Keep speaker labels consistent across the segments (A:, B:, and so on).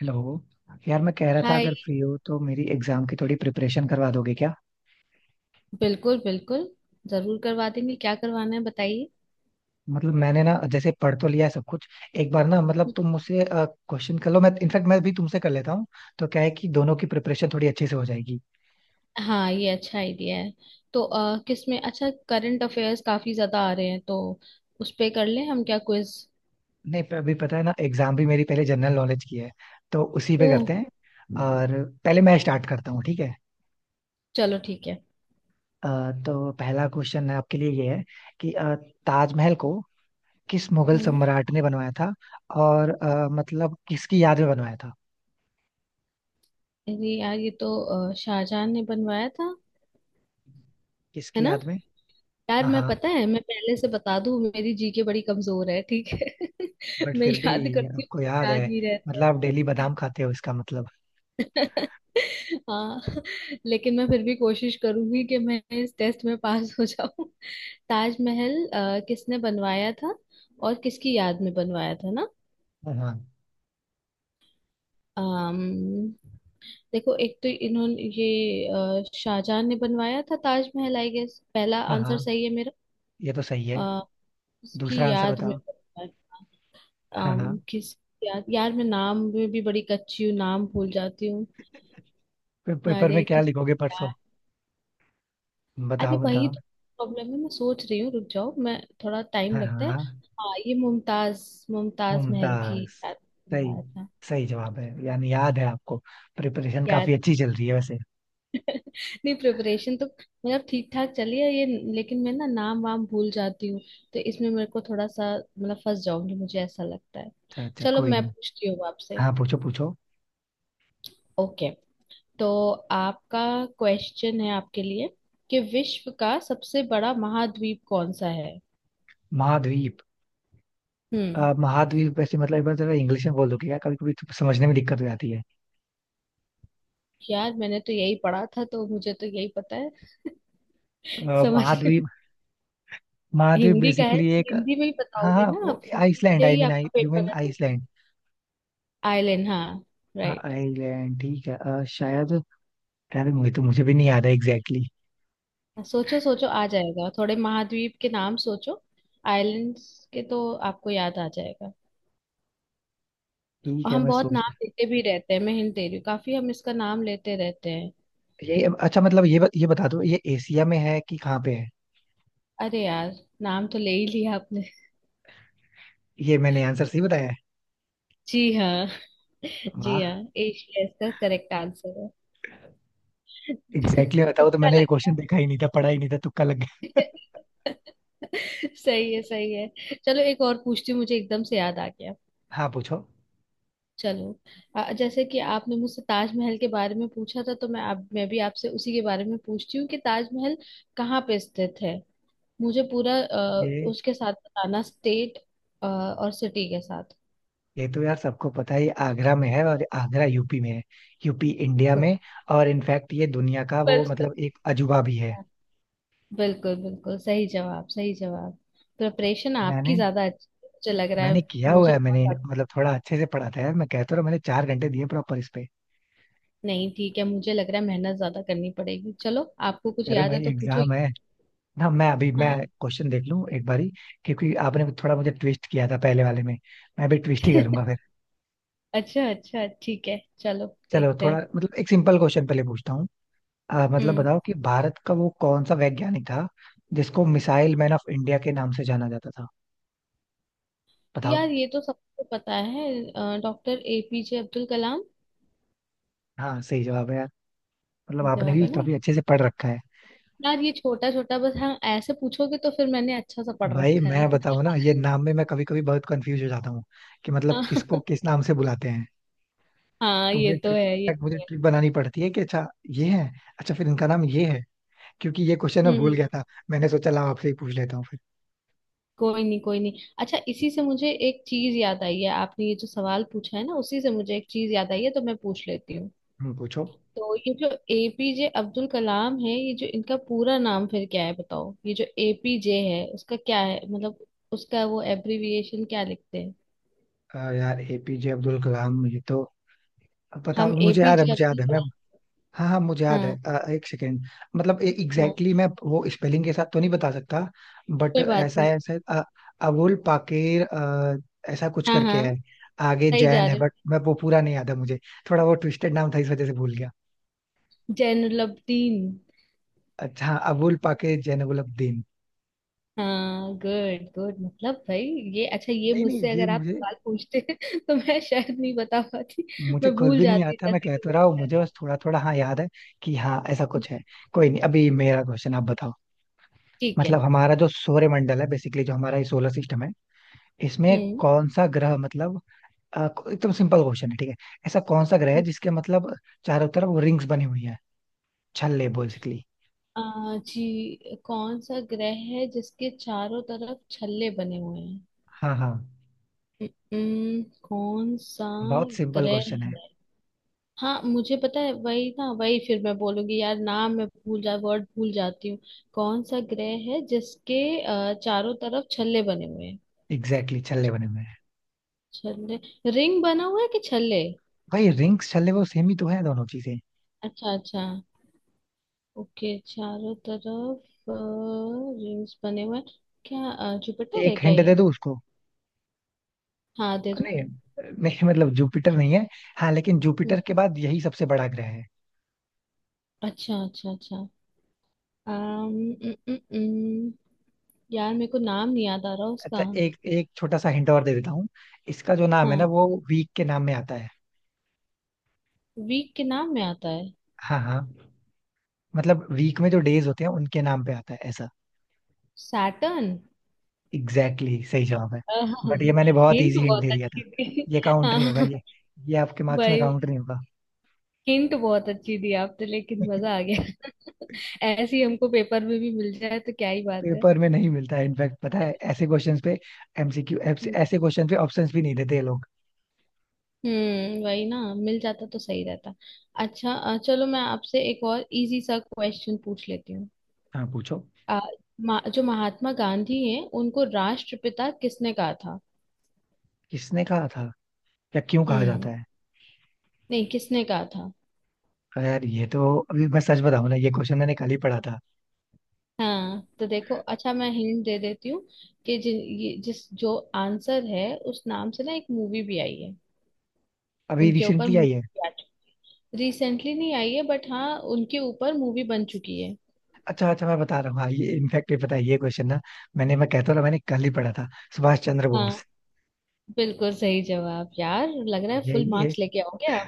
A: Hello. यार मैं कह रहा था अगर
B: हाय।
A: फ्री हो तो मेरी एग्जाम की थोड़ी प्रिपरेशन करवा दोगे क्या।
B: बिल्कुल बिल्कुल, जरूर करवा देंगे, क्या करवाना है बताइए?
A: मतलब मैंने ना जैसे पढ़ तो लिया है सब कुछ। एक बार ना मतलब तुम मुझसे क्वेश्चन कर लो, मैं इनफैक्ट मैं भी तुमसे कर लेता हूँ। तो क्या है कि दोनों की प्रिपरेशन थोड़ी अच्छे से हो जाएगी।
B: हाँ, ये अच्छा आइडिया है। तो किस में अच्छा करंट अफेयर्स काफी ज्यादा आ रहे हैं, तो उस पे कर लें हम, क्या क्विज?
A: नहीं पर अभी पता है ना, एग्जाम भी मेरी पहले जनरल नॉलेज की है तो उसी पे
B: ओह,
A: करते हैं। और पहले
B: ठीक
A: मैं
B: है,
A: स्टार्ट करता हूँ ठीक है।
B: चलो ठीक है।
A: तो पहला क्वेश्चन है आपके लिए, ये है कि ताजमहल को किस मुगल
B: हम्म।
A: सम्राट ने बनवाया था, और मतलब किसकी याद में बनवाया था।
B: अरे यार, ये तो शाहजहां ने बनवाया था, है
A: किसकी
B: ना?
A: याद में।
B: यार
A: हाँ
B: मैं,
A: हाँ,
B: पता है, मैं पहले से बता दूं, मेरी जीके बड़ी कमजोर है, ठीक है।
A: बट
B: मैं
A: फिर भी
B: याद करती हूँ,
A: आपको याद है।
B: याद नहीं रहता है।
A: मतलब आप डेली बादाम खाते हो इसका मतलब।
B: हाँ, लेकिन मैं फिर भी कोशिश करूंगी कि मैं इस टेस्ट में पास हो जाऊं। ताजमहल किसने बनवाया था, और किसकी याद में बनवाया था ना?
A: हाँ हाँ।
B: अम्म, देखो, एक तो इन्होंने ये शाहजहां ने बनवाया था ताजमहल, आई गेस पहला
A: हाँ हाँ,
B: आंसर सही है मेरा।
A: ये तो सही
B: अ,
A: है।
B: उसकी
A: दूसरा आंसर
B: याद में
A: बताओ।
B: बनवाया।
A: हाँ
B: अम्म,
A: हाँ।
B: किस। याद, यार मैं नाम में भी बड़ी कच्ची हूँ, नाम भूल जाती हूँ।
A: पेपर में
B: अरे
A: क्या
B: किस।
A: लिखोगे परसों।
B: अरे
A: बताओ
B: वही
A: बताओ।
B: तो प्रॉब्लम है, मैं सोच रही हूँ, रुक जाओ, मैं थोड़ा टाइम
A: हाँ
B: लगता है।
A: हाँ।
B: हाँ, ये मुमताज मुमताज महल की
A: मुमताज।
B: याद
A: सही,
B: दिला था।
A: सही जवाब है, यानी याद है आपको। प्रिपरेशन
B: याद
A: काफी अच्छी चल रही है वैसे।
B: नहीं, प्रिपरेशन तो मतलब ठीक ठाक चली है ये, लेकिन मैं ना नाम वाम भूल जाती हूँ, तो इसमें मेरे को थोड़ा सा मतलब फंस जाऊंगी, मुझे ऐसा लगता है।
A: अच्छा अच्छा,
B: चलो
A: कोई
B: मैं
A: नहीं।
B: पूछती हूँ आपसे।
A: हाँ पूछो पूछो।
B: ओके। तो आपका क्वेश्चन है आपके लिए, कि विश्व का सबसे बड़ा महाद्वीप कौन सा है?
A: महाद्वीप।
B: हम्म।
A: महाद्वीप वैसे मतलब, एक बार जरा इंग्लिश में बोल दो क्या, कभी कभी तो समझने में दिक्कत हो जाती है।
B: यार मैंने तो यही पढ़ा था, तो मुझे तो यही पता है। समझ रहे?
A: महाद्वीप। महाद्वीप
B: हिंदी का है
A: बेसिकली
B: तो
A: एक।
B: हिंदी में ही
A: हाँ
B: बताओगे
A: हाँ
B: ना
A: वो
B: आप, हिंदी
A: आइसलैंड,
B: के
A: आई
B: ही
A: मीन आई
B: आपका
A: यू
B: पेपर
A: मीन
B: है ना?
A: आइसलैंड।
B: आइलैंड, हाँ,
A: हाँ
B: राइट।
A: आइलैंड ठीक है शायद। यार मुझे तो, मुझे भी नहीं याद है एग्जैक्टली।
B: सोचो सोचो, आ जाएगा, थोड़े महाद्वीप के नाम सोचो, आइलैंड्स के तो आपको याद आ जाएगा।
A: ठीक
B: और
A: है
B: हम
A: मैं
B: बहुत नाम
A: सोचता।
B: लेते भी रहते हैं, मैं हिंट दे रही हूँ, काफी हम इसका नाम लेते रहते हैं।
A: ये अच्छा मतलब ये बता दो, ये एशिया में है कि कहाँ पे है।
B: अरे यार, नाम तो ले ही लिया आपने।
A: ये मैंने आंसर सही बताया है।
B: जी हाँ। जी
A: वाह।
B: हाँ, एशिया इसका करेक्ट आंसर है।
A: एग्जैक्टली बताओ, तो
B: तुक्का
A: मैंने ये
B: लग
A: क्वेश्चन
B: गया।
A: देखा ही नहीं था, पढ़ा ही नहीं था, तुक्का लग गया।
B: सही है सही है। चलो एक और पूछती हूँ, मुझे एकदम से याद आ गया।
A: हाँ पूछो।
B: चलो, जैसे कि आपने मुझसे ताजमहल के बारे में पूछा था, तो मैं भी आपसे उसी के बारे में पूछती हूँ कि ताजमहल कहाँ पे स्थित है? मुझे पूरा
A: ये
B: उसके साथ बताना, स्टेट और सिटी के साथ।
A: ये तो यार सबको पता है, ये आगरा में है और आगरा यूपी में है, यूपी इंडिया
B: तो-
A: में। और इनफैक्ट ये दुनिया का वो
B: बस बस,
A: मतलब एक अजूबा भी है।
B: बिल्कुल बिल्कुल सही जवाब, सही जवाब। प्रिपरेशन आपकी
A: मैंने
B: ज्यादा अच्छी है, मुझे लग रहा
A: मैंने
B: है,
A: किया हुआ
B: मुझे
A: है, मैंने
B: बहुत।
A: मतलब थोड़ा अच्छे से पढ़ा था यार, मैं कहता रहा, मैंने 4 घंटे दिए प्रॉपर इस पे।
B: नहीं ठीक है, मुझे लग रहा है मेहनत ज्यादा करनी पड़ेगी। चलो, आपको कुछ
A: कह रहे
B: याद है
A: भाई
B: तो पूछो।
A: एग्जाम है ना, मैं अभी मैं
B: हाँ।
A: क्वेश्चन देख लूं एक बारी, क्योंकि आपने थोड़ा मुझे ट्विस्ट किया था पहले वाले में, मैं भी ट्विस्ट ही करूंगा फिर।
B: अच्छा अच्छा ठीक है, चलो
A: चलो
B: देखते
A: थोड़ा
B: हैं।
A: मतलब एक सिंपल क्वेश्चन पहले पूछता हूँ। मतलब
B: हम्म।
A: बताओ कि भारत का वो कौन सा वैज्ञानिक था जिसको मिसाइल मैन ऑफ इंडिया के नाम से जाना जाता था, बताओ।
B: यार ये तो सबको पता है, डॉक्टर एपीजे अब्दुल कलाम।
A: हाँ सही जवाब है यार, मतलब आपने
B: जवाब
A: भी
B: है ना
A: काफी अच्छे से पढ़ रखा है।
B: यार, ये छोटा छोटा बस, हाँ ऐसे पूछोगे तो फिर मैंने अच्छा सा पढ़
A: भाई
B: रखा है।
A: मैं बताऊं ना, ये नाम में मैं कभी कभी बहुत कंफ्यूज हो जाता हूँ कि मतलब किसको किस नाम से बुलाते हैं।
B: हाँ,
A: तो
B: ये
A: मुझे
B: तो
A: ट्रिक,
B: है ये
A: इनफैक्ट मुझे
B: तो है।
A: ट्रिक बनानी पड़ती है कि अच्छा ये है, अच्छा फिर इनका नाम ये है, क्योंकि ये क्वेश्चन मैं भूल गया
B: हम्म।
A: था, मैंने सोचा लाओ आपसे ही पूछ लेता हूँ फिर।
B: कोई नहीं कोई नहीं, अच्छा इसी से मुझे एक चीज याद आई है, आपने ये जो सवाल पूछा है ना, उसी से मुझे एक चीज याद आई है, तो मैं पूछ लेती हूँ।
A: पूछो।
B: तो ये जो एपीजे अब्दुल कलाम है, ये जो इनका पूरा नाम फिर क्या है बताओ, ये जो एपीजे है उसका क्या है मतलब, उसका वो एब्रिविएशन क्या लिखते हैं?
A: यार एपीजे अब्दुल कलाम ये तो पता,
B: हम एपीजे
A: मुझे
B: अब्दुल
A: याद है मैं।
B: कलाम।
A: हाँ हाँ मुझे याद है,
B: हाँ
A: एक सेकेंड। मतलब एग्जैक्टली
B: हाँ,
A: exactly मैं वो स्पेलिंग के साथ तो नहीं बता सकता, बट
B: कोई बात नहीं।
A: ऐसा है, अबुल पाकिर ऐसा कुछ
B: हाँ
A: करके
B: हाँ,
A: है, आगे
B: सही जा
A: जैन है
B: रहे
A: बट मैं
B: हो।
A: वो पूरा नहीं याद है मुझे। थोड़ा वो ट्विस्टेड नाम था इस वजह से भूल गया।
B: जैनुलब्दीन।
A: अच्छा हाँ, अबुल पाकिर जैनबुल अब्दीन।
B: हाँ गुड गुड, मतलब भाई ये अच्छा, ये
A: नहीं नहीं
B: मुझसे
A: ये
B: अगर आप
A: मुझे,
B: सवाल पूछते तो मैं शायद नहीं बता पाती।
A: मुझे
B: मैं
A: खुद
B: भूल
A: भी नहीं याद
B: जाती,
A: था, मैं
B: जैसा
A: कह
B: कि
A: तो
B: मैं
A: रहा हूँ
B: कर
A: मुझे
B: रहा
A: बस थोड़ा थोड़ा हाँ याद है, कि हाँ ऐसा
B: हूँ।
A: कुछ है। कोई नहीं, अभी मेरा क्वेश्चन आप बताओ।
B: ठीक है।
A: मतलब हमारा जो सौरमंडल है बेसिकली, जो हमारा ये सोलर सिस्टम है, इसमें
B: हम्म।
A: कौन सा ग्रह मतलब आ, एकदम सिंपल क्वेश्चन है ठीक है। ऐसा कौन सा ग्रह है
B: हम्म।
A: जिसके मतलब चारों तरफ रिंग्स बनी हुई है, छल्ले बेसिकली।
B: आ, जी कौन सा ग्रह है जिसके चारों तरफ छल्ले बने हुए हैं?
A: हाँ हाँ।
B: कौन सा
A: बहुत सिंपल
B: ग्रह
A: क्वेश्चन है।
B: है? हाँ मुझे पता है, वही ना वही, फिर मैं बोलूंगी, यार नाम मैं भूल जा वर्ड भूल जाती हूँ। कौन सा ग्रह है जिसके चारों तरफ छल्ले बने हुए हैं?
A: एग्जैक्टली, छल्ले बने हुए हैं।
B: छल्ले, रिंग बना हुआ है कि छल्ले?
A: भाई रिंग्स छल्ले वो सेम ही तो है दोनों चीजें।
B: अच्छा अच्छा, ओके चारों तरफ रिंग्स बने हुए हैं, क्या जुपिटर है
A: एक
B: क्या
A: हिंट
B: ये?
A: दे दो उसको।
B: हाँ दे दो।
A: नहीं नहीं, मतलब जुपिटर नहीं है, हाँ लेकिन
B: हम्म,
A: जुपिटर के बाद यही सबसे बड़ा ग्रह है।
B: अच्छा अच्छा अच्छा। अम्म, उम, उम, उम, यार मेरे को नाम नहीं याद आ रहा उसका।
A: अच्छा एक एक छोटा सा हिंट और दे देता हूँ, इसका जो नाम है ना
B: हाँ,
A: वो वीक के नाम में आता है।
B: वीक के नाम में आता है।
A: हाँ हाँ, मतलब वीक में जो डेज होते हैं उनके नाम पे आता है ऐसा।
B: सैटर्न।
A: एग्जैक्टली, सही जवाब है, बट ये मैंने बहुत
B: हिंट
A: इजी हिंट दे
B: बहुत
A: दिया था,
B: अच्छी थी।
A: ये काउंट नहीं होगा,
B: हाँ
A: ये आपके मार्क्स में
B: भाई,
A: काउंट नहीं होगा।
B: हिंट बहुत अच्छी दी आपने, लेकिन मजा आ गया। ऐसी हमको पेपर में भी मिल जाए तो क्या ही बात है।
A: पेपर में नहीं मिलता है इनफैक्ट, पता है ऐसे क्वेश्चंस पे एमसीक्यू, ऐसे क्वेश्चंस पे ऑप्शंस भी नहीं देते ये लोग।
B: हम्म, वही ना, मिल जाता तो सही रहता। अच्छा, चलो मैं आपसे एक और इजी सा क्वेश्चन पूछ लेती हूँ।
A: हाँ पूछो।
B: अ, जो महात्मा गांधी हैं उनको राष्ट्रपिता किसने कहा था?
A: किसने कहा था या क्यों कहा
B: हम्म।
A: जाता है।
B: नहीं, किसने कहा था?
A: अरे यार ये तो, अभी मैं सच बताऊं ना, ये क्वेश्चन मैंने कल ही पढ़ा था।
B: हाँ, तो देखो, अच्छा मैं हिंट दे देती हूँ कि जि, ये, जिस जो आंसर है, उस नाम से ना एक मूवी भी आई है,
A: अभी
B: उनके ऊपर
A: रिसेंटली आई है।
B: मूवी आ चुकी। रिसेंटली नहीं आई है, बट हाँ उनके ऊपर मूवी बन चुकी है।
A: अच्छा अच्छा मैं बता रहा हूँ हाँ, ये इनफैक्ट ये पता है ये क्वेश्चन ना, मैंने, मैं कहता हूँ ना, मैंने कल ही पढ़ा था, सुभाष चंद्र
B: हाँ,
A: बोस।
B: बिल्कुल सही जवाब यार, लग रहा है फुल
A: ये
B: मार्क्स लेके आओगे आप।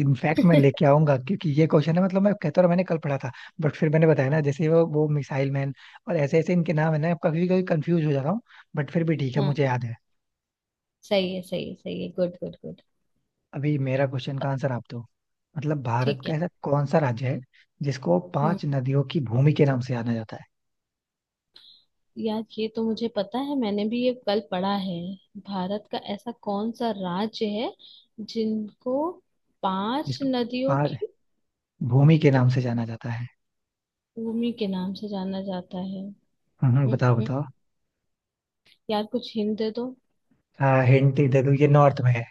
A: इनफैक्ट मैं लेके आऊंगा, क्योंकि ये क्वेश्चन है मतलब, मैं कहता हूँ मैंने कल पढ़ा था। बट फिर मैंने बताया ना, जैसे वो मिसाइल मैन, और ऐसे ऐसे इनके नाम है ना, कभी कभी कंफ्यूज हो जाता हूँ। बट फिर भी ठीक है
B: हाँ,
A: मुझे याद है।
B: सही है सही है सही है, गुड गुड गुड।
A: अभी मेरा क्वेश्चन का आंसर आप दो। मतलब भारत
B: ठीक
A: का
B: है।
A: ऐसा कौन सा राज्य है जिसको
B: हम्म।
A: पांच नदियों की भूमि के नाम से जाना जाता है।
B: यार ये तो मुझे पता है, मैंने भी ये कल पढ़ा है। भारत का ऐसा कौन सा राज्य है जिनको पांच
A: जिसको
B: नदियों
A: पांच
B: की
A: भूमि के नाम से जाना जाता है।
B: भूमि के नाम से जाना जाता है? हम्म,
A: बताओ
B: हम्म।
A: बताओ।
B: यार कुछ हिंट दे दो।
A: हाँ हिंट दे दूँ, ये नॉर्थ में है।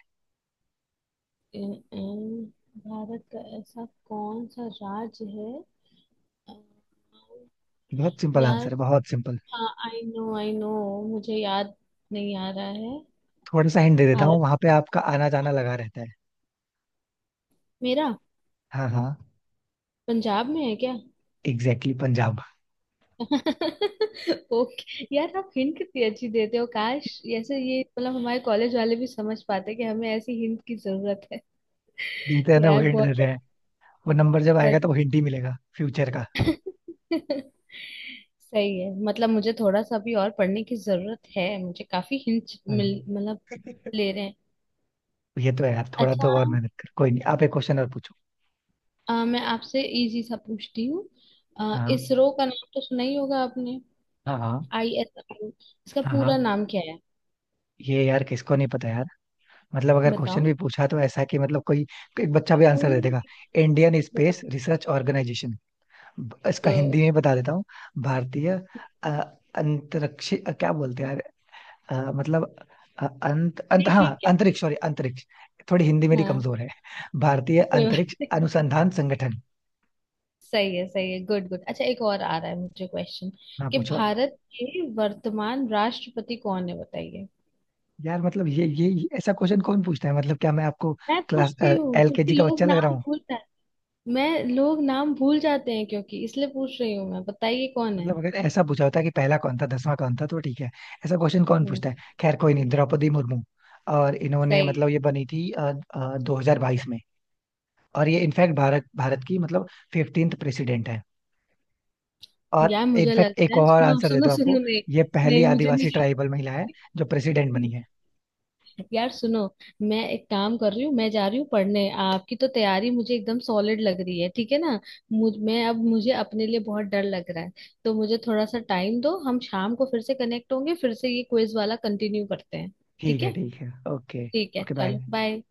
B: अ, अ, भारत का ऐसा कौन सा राज्य है? अ,
A: बहुत सिंपल आंसर
B: यार,
A: है, बहुत सिंपल।
B: हाँ आई नो आई नो, मुझे याद नहीं आ रहा है।
A: थोड़ा सा हिंट दे देता हूँ,
B: भारत
A: वहां पे आपका आना जाना लगा रहता है।
B: मेरा,
A: हाँ हाँ।
B: पंजाब में है क्या?
A: एग्जैक्टली पंजाब।
B: ओके यार, आप हिंट कितनी अच्छी देते हो, काश ऐसे ये मतलब हमारे कॉलेज वाले भी समझ पाते कि हमें ऐसी हिंट की जरूरत है।
A: देते हैं ना, वो
B: यार
A: हिंट
B: बहुत
A: देते हैं, वो नंबर जब आएगा
B: बढ़िया,
A: तो वो हिंट ही मिलेगा फ्यूचर का।
B: सच सही है, मतलब मुझे थोड़ा सा भी और पढ़ने की जरूरत है, मुझे काफी हिंट मिल
A: हम्म।
B: मतलब ले रहे हैं।
A: ये तो है यार, थोड़ा
B: अच्छा,
A: तो और मेहनत कर, कोई नहीं आप एक क्वेश्चन और पूछो।
B: मैं आपसे इजी सा पूछती हूँ।
A: हाँ
B: इसरो का नाम तो सुना ही होगा आपने,
A: हाँ। हाँ
B: ISRO। इसका
A: हाँ। हाँ,
B: पूरा नाम क्या है?
A: ये यार किसको नहीं पता यार, मतलब अगर क्वेश्चन
B: बताओ
A: भी पूछा तो ऐसा कि मतलब कोई एक बच्चा भी आंसर दे
B: पूरी,
A: देगा। Indian space research organisation. इसका
B: बताओ।
A: हिंदी में बता देता हूँ, भारतीय अ, अंतरिक्ष क्या बोलते हैं यार, मतलब अ, अंत अंत
B: नहीं
A: हाँ
B: ठीक,
A: अंतरिक्ष, सॉरी अंतरिक्ष। थोड़ी हिंदी मेरी
B: हाँ
A: कमजोर है। भारतीय
B: कोई बात-
A: अंतरिक्ष अनुसंधान संगठन।
B: सही है सही है, गुड गुड। अच्छा एक और आ रहा है मुझे क्वेश्चन,
A: हाँ
B: कि
A: पूछो।
B: भारत के वर्तमान राष्ट्रपति कौन है बताइए?
A: यार मतलब ये ऐसा क्वेश्चन कौन पूछता है, मतलब क्या मैं आपको
B: मैं
A: क्लास
B: पूछती हूँ क्योंकि
A: एलकेजी का
B: लोग
A: बच्चा लग रहा
B: नाम
A: हूँ।
B: भूल जाते हैं, मैं लोग नाम भूल जाते हैं क्योंकि इसलिए पूछ रही हूँ, मैं बताइए कौन है?
A: मतलब अगर ऐसा पूछा होता कि पहला कौन था, दसवां कौन था तो ठीक है। ऐसा क्वेश्चन कौन
B: हम्म,
A: पूछता है, खैर कोई नहीं, द्रौपदी मुर्मू। और इन्होंने
B: सही
A: मतलब ये बनी थी 2022 में। और ये इनफैक्ट भारत भारत की मतलब 15वें प्रेसिडेंट है।
B: है।
A: और
B: यार मुझे लग
A: इनफैक्ट एक
B: रहा है,
A: और
B: सुनो
A: आंसर देते
B: सुनो
A: हो आपको,
B: सुनो। नहीं,
A: ये पहली
B: नहीं मुझे
A: आदिवासी ट्राइबल महिला है जो प्रेसिडेंट
B: नहीं,
A: बनी है।
B: यार सुनो, मैं एक काम कर रही हूँ, मैं जा रही हूँ पढ़ने, आपकी तो तैयारी मुझे एकदम सॉलिड लग रही है, ठीक है ना? मुझ मैं अब मुझे अपने लिए बहुत डर लग रहा है, तो मुझे थोड़ा सा टाइम दो, हम शाम को फिर से कनेक्ट होंगे, फिर से ये क्विज वाला कंटिन्यू करते हैं।
A: ठीक
B: ठीक
A: है
B: है
A: ठीक है ओके।
B: ठीक है,
A: ओके बाय।
B: चलो बाय।